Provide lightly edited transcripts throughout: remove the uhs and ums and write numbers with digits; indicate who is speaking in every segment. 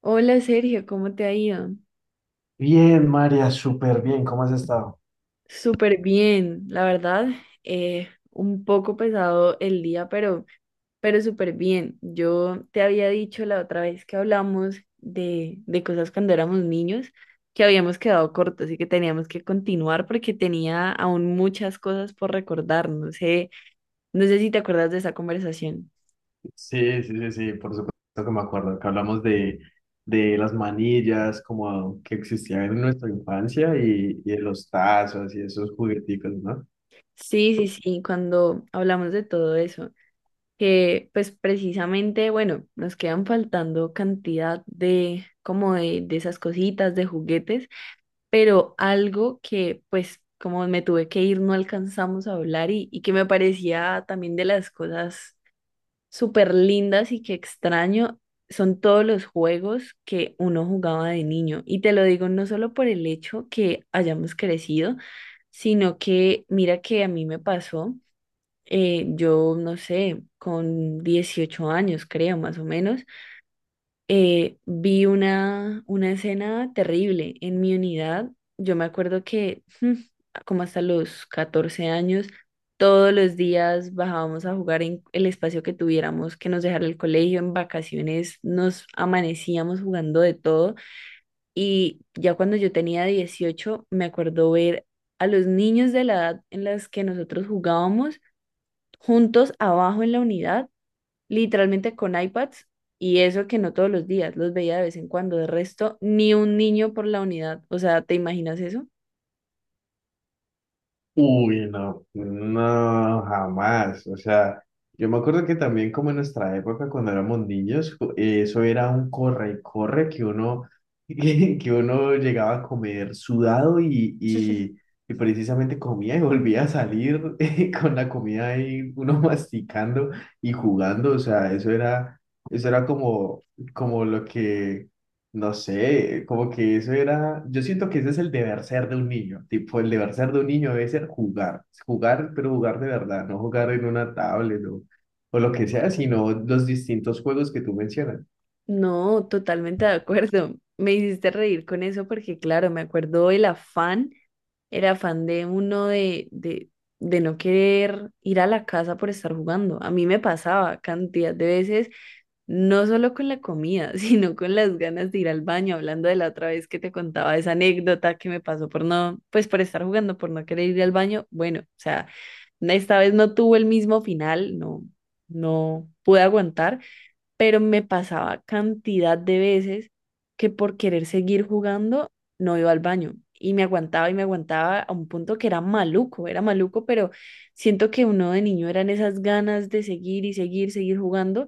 Speaker 1: Hola Sergio, ¿cómo te ha ido?
Speaker 2: Bien, María, súper bien. ¿Cómo has estado?
Speaker 1: Súper bien, la verdad. Un poco pesado el día, pero súper bien. Yo te había dicho la otra vez que hablamos de cosas cuando éramos niños que habíamos quedado cortos y que teníamos que continuar porque tenía aún muchas cosas por recordar. No sé si te acuerdas de esa conversación.
Speaker 2: Sí, sí, sí, sí, por supuesto que me acuerdo, que hablamos de las manillas como que existían en nuestra infancia y de los tazos y esos jugueticos, ¿no?
Speaker 1: Sí, sí, sí, cuando hablamos de todo eso. Que pues precisamente, bueno, nos quedan faltando cantidad de como de esas cositas, de juguetes, pero algo que pues como me tuve que ir no alcanzamos a hablar y que me parecía también de las cosas súper lindas y que extraño. Son todos los juegos que uno jugaba de niño. Y te lo digo no solo por el hecho que hayamos crecido, sino que mira que a mí me pasó yo no sé, con 18 años creo más o menos, vi una escena terrible en mi unidad. Yo me acuerdo que como hasta los 14 años, todos los días bajábamos a jugar en el espacio que tuviéramos que nos dejara el colegio, en vacaciones nos amanecíamos jugando de todo y ya cuando yo tenía 18 me acuerdo ver a los niños de la edad en las que nosotros jugábamos juntos abajo en la unidad, literalmente con iPads, y eso que no todos los días, los veía de vez en cuando, de resto, ni un niño por la unidad, o sea, ¿te imaginas eso?
Speaker 2: Uy, no, no, jamás. O sea, yo me acuerdo que también como en nuestra época, cuando éramos niños, eso era un corre y corre que uno, que uno llegaba a comer sudado y precisamente comía y volvía a salir con la comida ahí, uno masticando y jugando. O sea, eso era como, como lo que no sé, como que eso era, yo siento que ese es el deber ser de un niño, tipo el deber ser de un niño debe ser jugar, jugar, pero jugar de verdad, no jugar en una tablet o lo que sea, sino los distintos juegos que tú mencionas.
Speaker 1: No, totalmente de acuerdo. Me hiciste reír con eso porque, claro, me acuerdo el afán de uno de no querer ir a la casa por estar jugando. A mí me pasaba cantidad de veces. No solo con la comida, sino con las ganas de ir al baño, hablando de la otra vez que te contaba esa anécdota que me pasó por no, pues por estar jugando, por no querer ir al baño. Bueno, o sea, esta vez no tuvo el mismo final, no, no pude aguantar, pero me pasaba cantidad de veces que por querer seguir jugando no iba al baño y me aguantaba a un punto que era maluco, pero siento que uno de niño eran esas ganas de seguir y seguir, seguir jugando,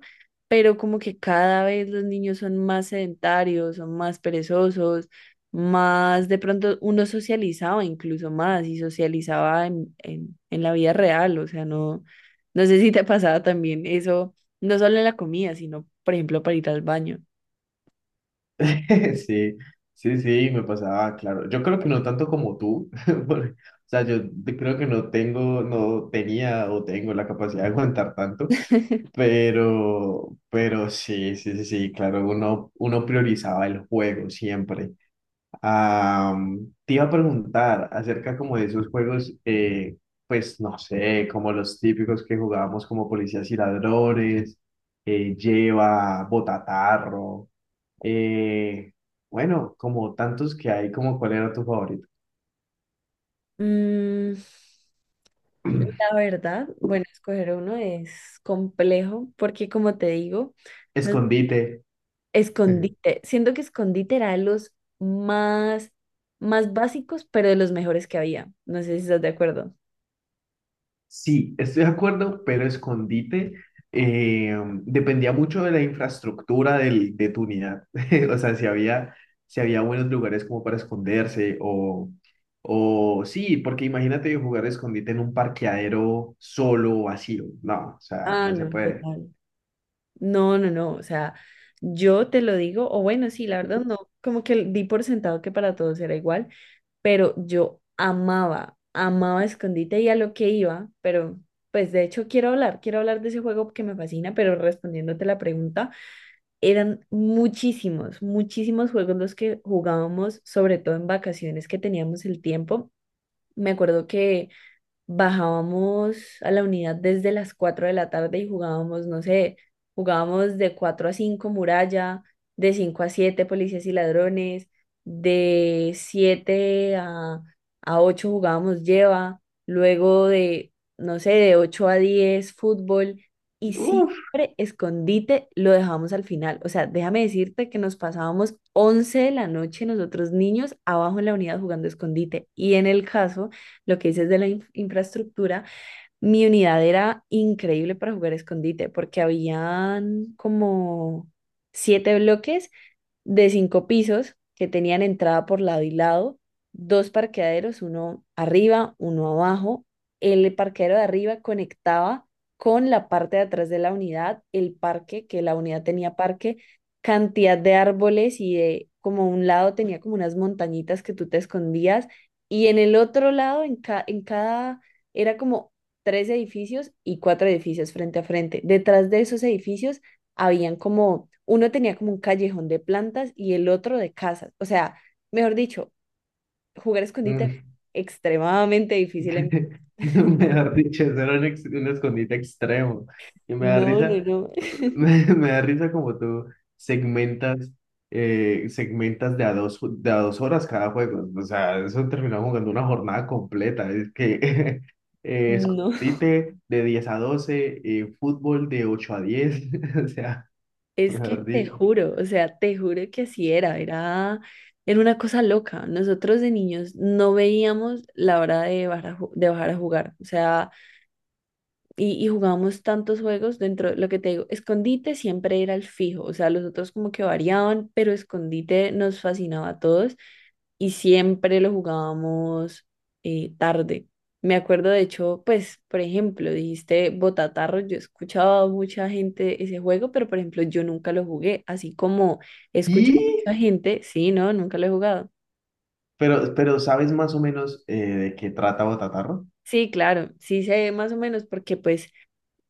Speaker 1: pero como que cada vez los niños son más sedentarios, son más perezosos. Más de pronto uno socializaba incluso más y socializaba en la vida real, o sea, no, no sé si te pasaba también eso no solo en la comida, sino, por ejemplo, para ir al baño.
Speaker 2: Sí, sí, sí, me pasaba, claro, yo creo que no tanto como tú, porque, o sea, creo que no tengo, no tenía o tengo la capacidad de aguantar tanto, pero sí, sí, sí, sí, claro, uno priorizaba el juego siempre. Te iba a preguntar acerca como de esos juegos, pues no sé, como los típicos que jugábamos como policías y ladrones, lleva, botatarro, eh, bueno, como tantos que hay, como cuál era tu favorito.
Speaker 1: Mm, la verdad, bueno, escoger uno es complejo porque, como te digo, no-
Speaker 2: Escondite.
Speaker 1: escondite. Siento que escondite era de los más, más básicos, pero de los mejores que había. No sé si estás de acuerdo.
Speaker 2: Sí, estoy de acuerdo, pero escondite eh, dependía mucho de la infraestructura de tu unidad. O sea, si había, si había buenos lugares como para esconderse o sí, porque imagínate jugar escondite en un parqueadero solo, o vacío. No, o sea,
Speaker 1: Ah,
Speaker 2: no se
Speaker 1: no,
Speaker 2: puede.
Speaker 1: total. No, no, no. O sea, yo te lo digo, o bueno, sí, la verdad no, como que di por sentado que para todos era igual, pero yo amaba, amaba escondite y a lo que iba, pero pues de hecho quiero hablar de ese juego que me fascina, pero respondiéndote la pregunta, eran muchísimos, muchísimos juegos los que jugábamos, sobre todo en vacaciones que teníamos el tiempo. Me acuerdo que bajábamos a la unidad desde las 4 de la tarde y jugábamos, no sé, jugábamos de 4 a 5 muralla, de 5 a 7 policías y ladrones, de 7 a 8 jugábamos lleva, luego de, no sé, de 8 a 10 fútbol y siempre
Speaker 2: Uf.
Speaker 1: escondite lo dejábamos al final. O sea, déjame decirte que nos pasábamos 11 de la noche nosotros niños abajo en la unidad jugando escondite y en el caso lo que dices de la infraestructura, mi unidad era increíble para jugar escondite porque habían como siete bloques de cinco pisos que tenían entrada por lado y lado, dos parqueaderos, uno arriba, uno abajo. El parqueadero de arriba conectaba con la parte de atrás de la unidad, el parque, que la unidad tenía parque, cantidad de árboles y de como un lado tenía como unas montañitas que tú te escondías y en el otro lado, en cada, era como tres edificios y cuatro edificios frente a frente. Detrás de esos edificios habían como, uno tenía como un callejón de plantas y el otro de casas. O sea, mejor dicho, jugar escondite es
Speaker 2: Mm.
Speaker 1: extremadamente difícil.
Speaker 2: me Mejor dicho, eso era un escondite extremo. Y me da
Speaker 1: No, no,
Speaker 2: risa,
Speaker 1: no,
Speaker 2: me da risa como tú segmentas, segmentas de a dos horas cada juego. O sea, eso terminaba jugando una jornada completa. Es que
Speaker 1: no.
Speaker 2: escondite de 10 a 12, fútbol de 8 a 10. O sea,
Speaker 1: Es que
Speaker 2: mejor
Speaker 1: te
Speaker 2: dicho.
Speaker 1: juro, o sea, te juro que así era, una cosa loca. Nosotros de niños no veíamos la hora de bajar de bajar a jugar. O sea, y jugábamos tantos juegos dentro, de lo que te digo, escondite siempre era el fijo, o sea, los otros como que variaban, pero escondite nos fascinaba a todos y siempre lo jugábamos tarde. Me acuerdo, de hecho, pues, por ejemplo, dijiste Botatarro, yo escuchaba a mucha gente ese juego, pero por ejemplo, yo nunca lo jugué, así como he escuchado a
Speaker 2: Y,
Speaker 1: mucha gente, sí, no, nunca lo he jugado.
Speaker 2: pero ¿sabes más o menos de qué trata Botatarro?
Speaker 1: Sí, claro, sí sé más o menos, porque pues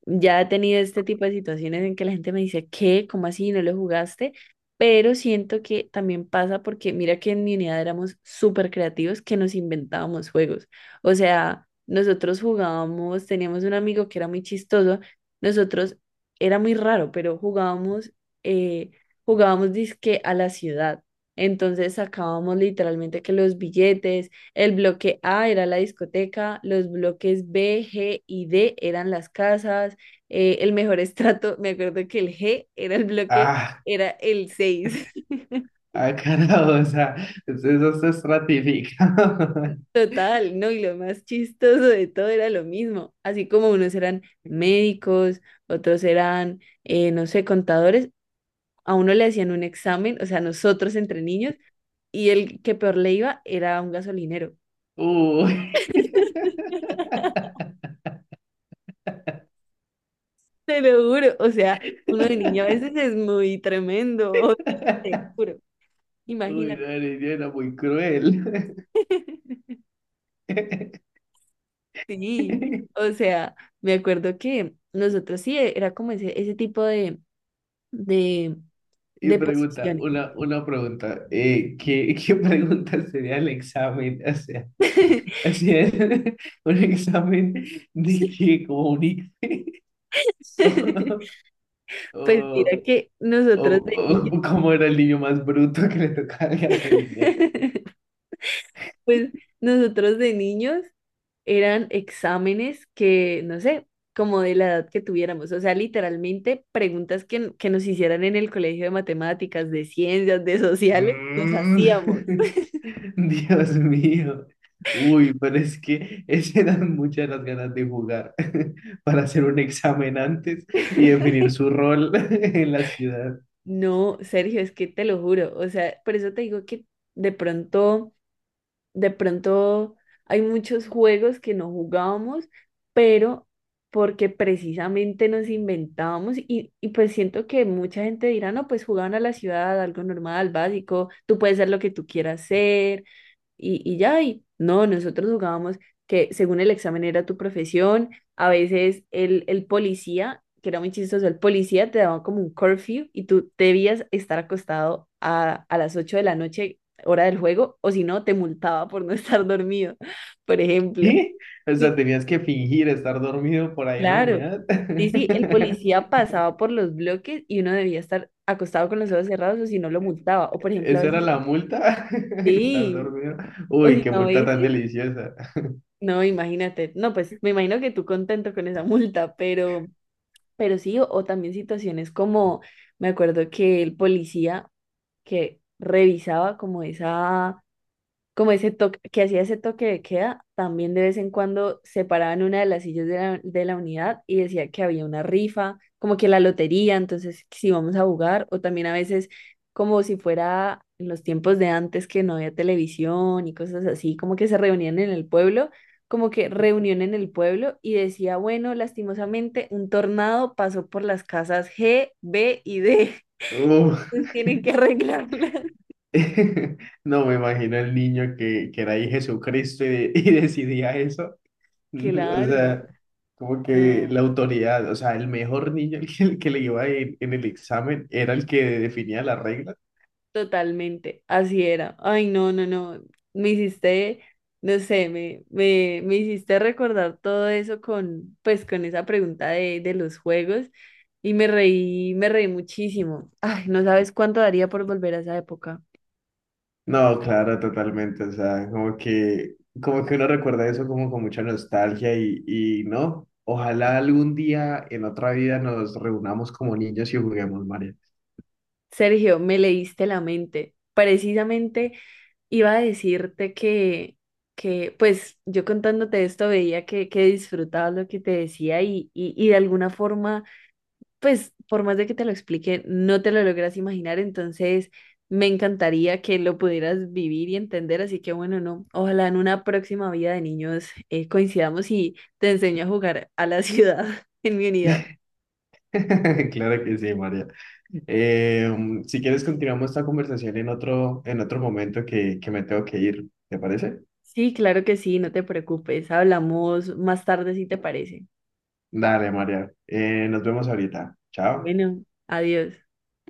Speaker 1: ya he tenido este tipo de situaciones en que la gente me dice, ¿qué? ¿Cómo así? ¿No lo jugaste? Pero siento que también pasa porque mira que en mi unidad éramos súper creativos que nos inventábamos juegos. O sea, nosotros jugábamos, teníamos un amigo que era muy chistoso, nosotros era muy raro, pero jugábamos, eh, jugábamos disque a la ciudad. Entonces sacábamos literalmente que los billetes, el bloque A era la discoteca, los bloques B, G y D eran las casas el mejor estrato, me acuerdo que el G era el bloque,
Speaker 2: Ah,
Speaker 1: era el seis.
Speaker 2: Ah, carajo, o sea, eso se estratifica.
Speaker 1: Total, ¿no? Y lo más chistoso de todo era lo mismo. Así como unos eran médicos, otros eran, no sé, contadores, a uno le hacían un examen, o sea, nosotros entre niños, y el que peor le iba era un gasolinero.
Speaker 2: Uy.
Speaker 1: Te lo juro, o sea, uno de niño a veces es muy tremendo, o sea, te juro,
Speaker 2: Uy, no,
Speaker 1: imagínate.
Speaker 2: niña, era muy cruel.
Speaker 1: Sí, o sea, me acuerdo que nosotros sí era como ese tipo de, de,
Speaker 2: Y
Speaker 1: de
Speaker 2: pregunta,
Speaker 1: posiciones.
Speaker 2: una pregunta, ¿qué, qué pregunta sería el examen? O sea, así es, un examen de que comunique, o,
Speaker 1: Pues mira
Speaker 2: o,
Speaker 1: que
Speaker 2: o,
Speaker 1: nosotros de niños,
Speaker 2: o como era el niño más bruto que le tocaba el gasolinero.
Speaker 1: pues nosotros de niños eran exámenes que, no sé, como de la edad que tuviéramos, o sea, literalmente preguntas que nos hicieran en el colegio de matemáticas, de ciencias, de sociales, nos
Speaker 2: Mm.
Speaker 1: hacíamos.
Speaker 2: Dios mío. Uy, pero es que ese dan muchas las ganas de jugar para hacer un examen antes y definir su rol en la ciudad.
Speaker 1: No, Sergio, es que te lo juro, o sea, por eso te digo que de pronto, de pronto hay muchos juegos que no jugábamos, pero porque precisamente nos inventábamos y pues siento que mucha gente dirá, no, pues jugaban a la ciudad, algo normal, básico, tú puedes ser lo que tú quieras ser, y ya, y no, nosotros jugábamos que según el examen era tu profesión, a veces el policía, que era muy chistoso, el policía te daba como un curfew y tú debías estar acostado a las 8 de la noche, hora del juego, o si no, te multaba por no estar dormido, por ejemplo.
Speaker 2: ¿Eh? O sea,
Speaker 1: Sí.
Speaker 2: tenías que fingir estar dormido por ahí en la
Speaker 1: Claro.
Speaker 2: unidad.
Speaker 1: Sí, sí, el policía pasaba por los bloques y uno debía estar acostado con los ojos cerrados o si no lo multaba. O por ejemplo, a
Speaker 2: ¿Esa era
Speaker 1: veces,
Speaker 2: la multa? Estar
Speaker 1: sí,
Speaker 2: dormido.
Speaker 1: o
Speaker 2: Uy,
Speaker 1: si
Speaker 2: qué
Speaker 1: no, a
Speaker 2: multa tan
Speaker 1: veces.
Speaker 2: deliciosa.
Speaker 1: No, imagínate. No, pues me imagino que tú contento con esa multa, pero, sí, o también situaciones como, me acuerdo que el policía que revisaba como esa, como ese toque, que hacía ese toque de queda, también de vez en cuando se paraba en una de las sillas de la unidad y decía que había una rifa, como que la lotería, entonces si vamos a jugar, o también a veces como si fuera en los tiempos de antes que no había televisión y cosas así, como que se reunían en el pueblo, como que reunión en el pueblo y decía, bueno, lastimosamente un tornado pasó por las casas G, B y D,
Speaker 2: Uf.
Speaker 1: entonces tienen que arreglarla.
Speaker 2: No me imagino el niño que era ahí Jesucristo y decidía eso. O
Speaker 1: Claro,
Speaker 2: sea, como que
Speaker 1: no.
Speaker 2: la autoridad, o sea, el mejor niño, el que le iba en el examen, era el que definía la regla.
Speaker 1: Totalmente, así era. Ay, no, no, no. Me hiciste, no sé, me hiciste recordar todo eso con, pues, con esa pregunta de los juegos y me reí muchísimo. Ay, no sabes cuánto daría por volver a esa época.
Speaker 2: No, claro, totalmente. O sea, como que uno recuerda eso como con mucha nostalgia y no. Ojalá algún día en otra vida nos reunamos como niños y juguemos, María.
Speaker 1: Sergio, me leíste la mente. Precisamente iba a decirte que pues, yo contándote esto veía que disfrutabas lo que te decía y de alguna forma pues por más de que te lo explique, no te lo logras imaginar, entonces me encantaría que lo pudieras vivir y entender, así que bueno, no, ojalá en una próxima vida de niños coincidamos y te enseño a jugar a la ciudad en mi unidad.
Speaker 2: Claro que sí, María. Eh, si quieres, continuamos esta conversación en otro momento que me tengo que ir. ¿Te parece?
Speaker 1: Sí, claro que sí, no te preocupes, hablamos más tarde si te parece.
Speaker 2: Dale, María. Nos vemos ahorita. Chao.
Speaker 1: Bueno, adiós.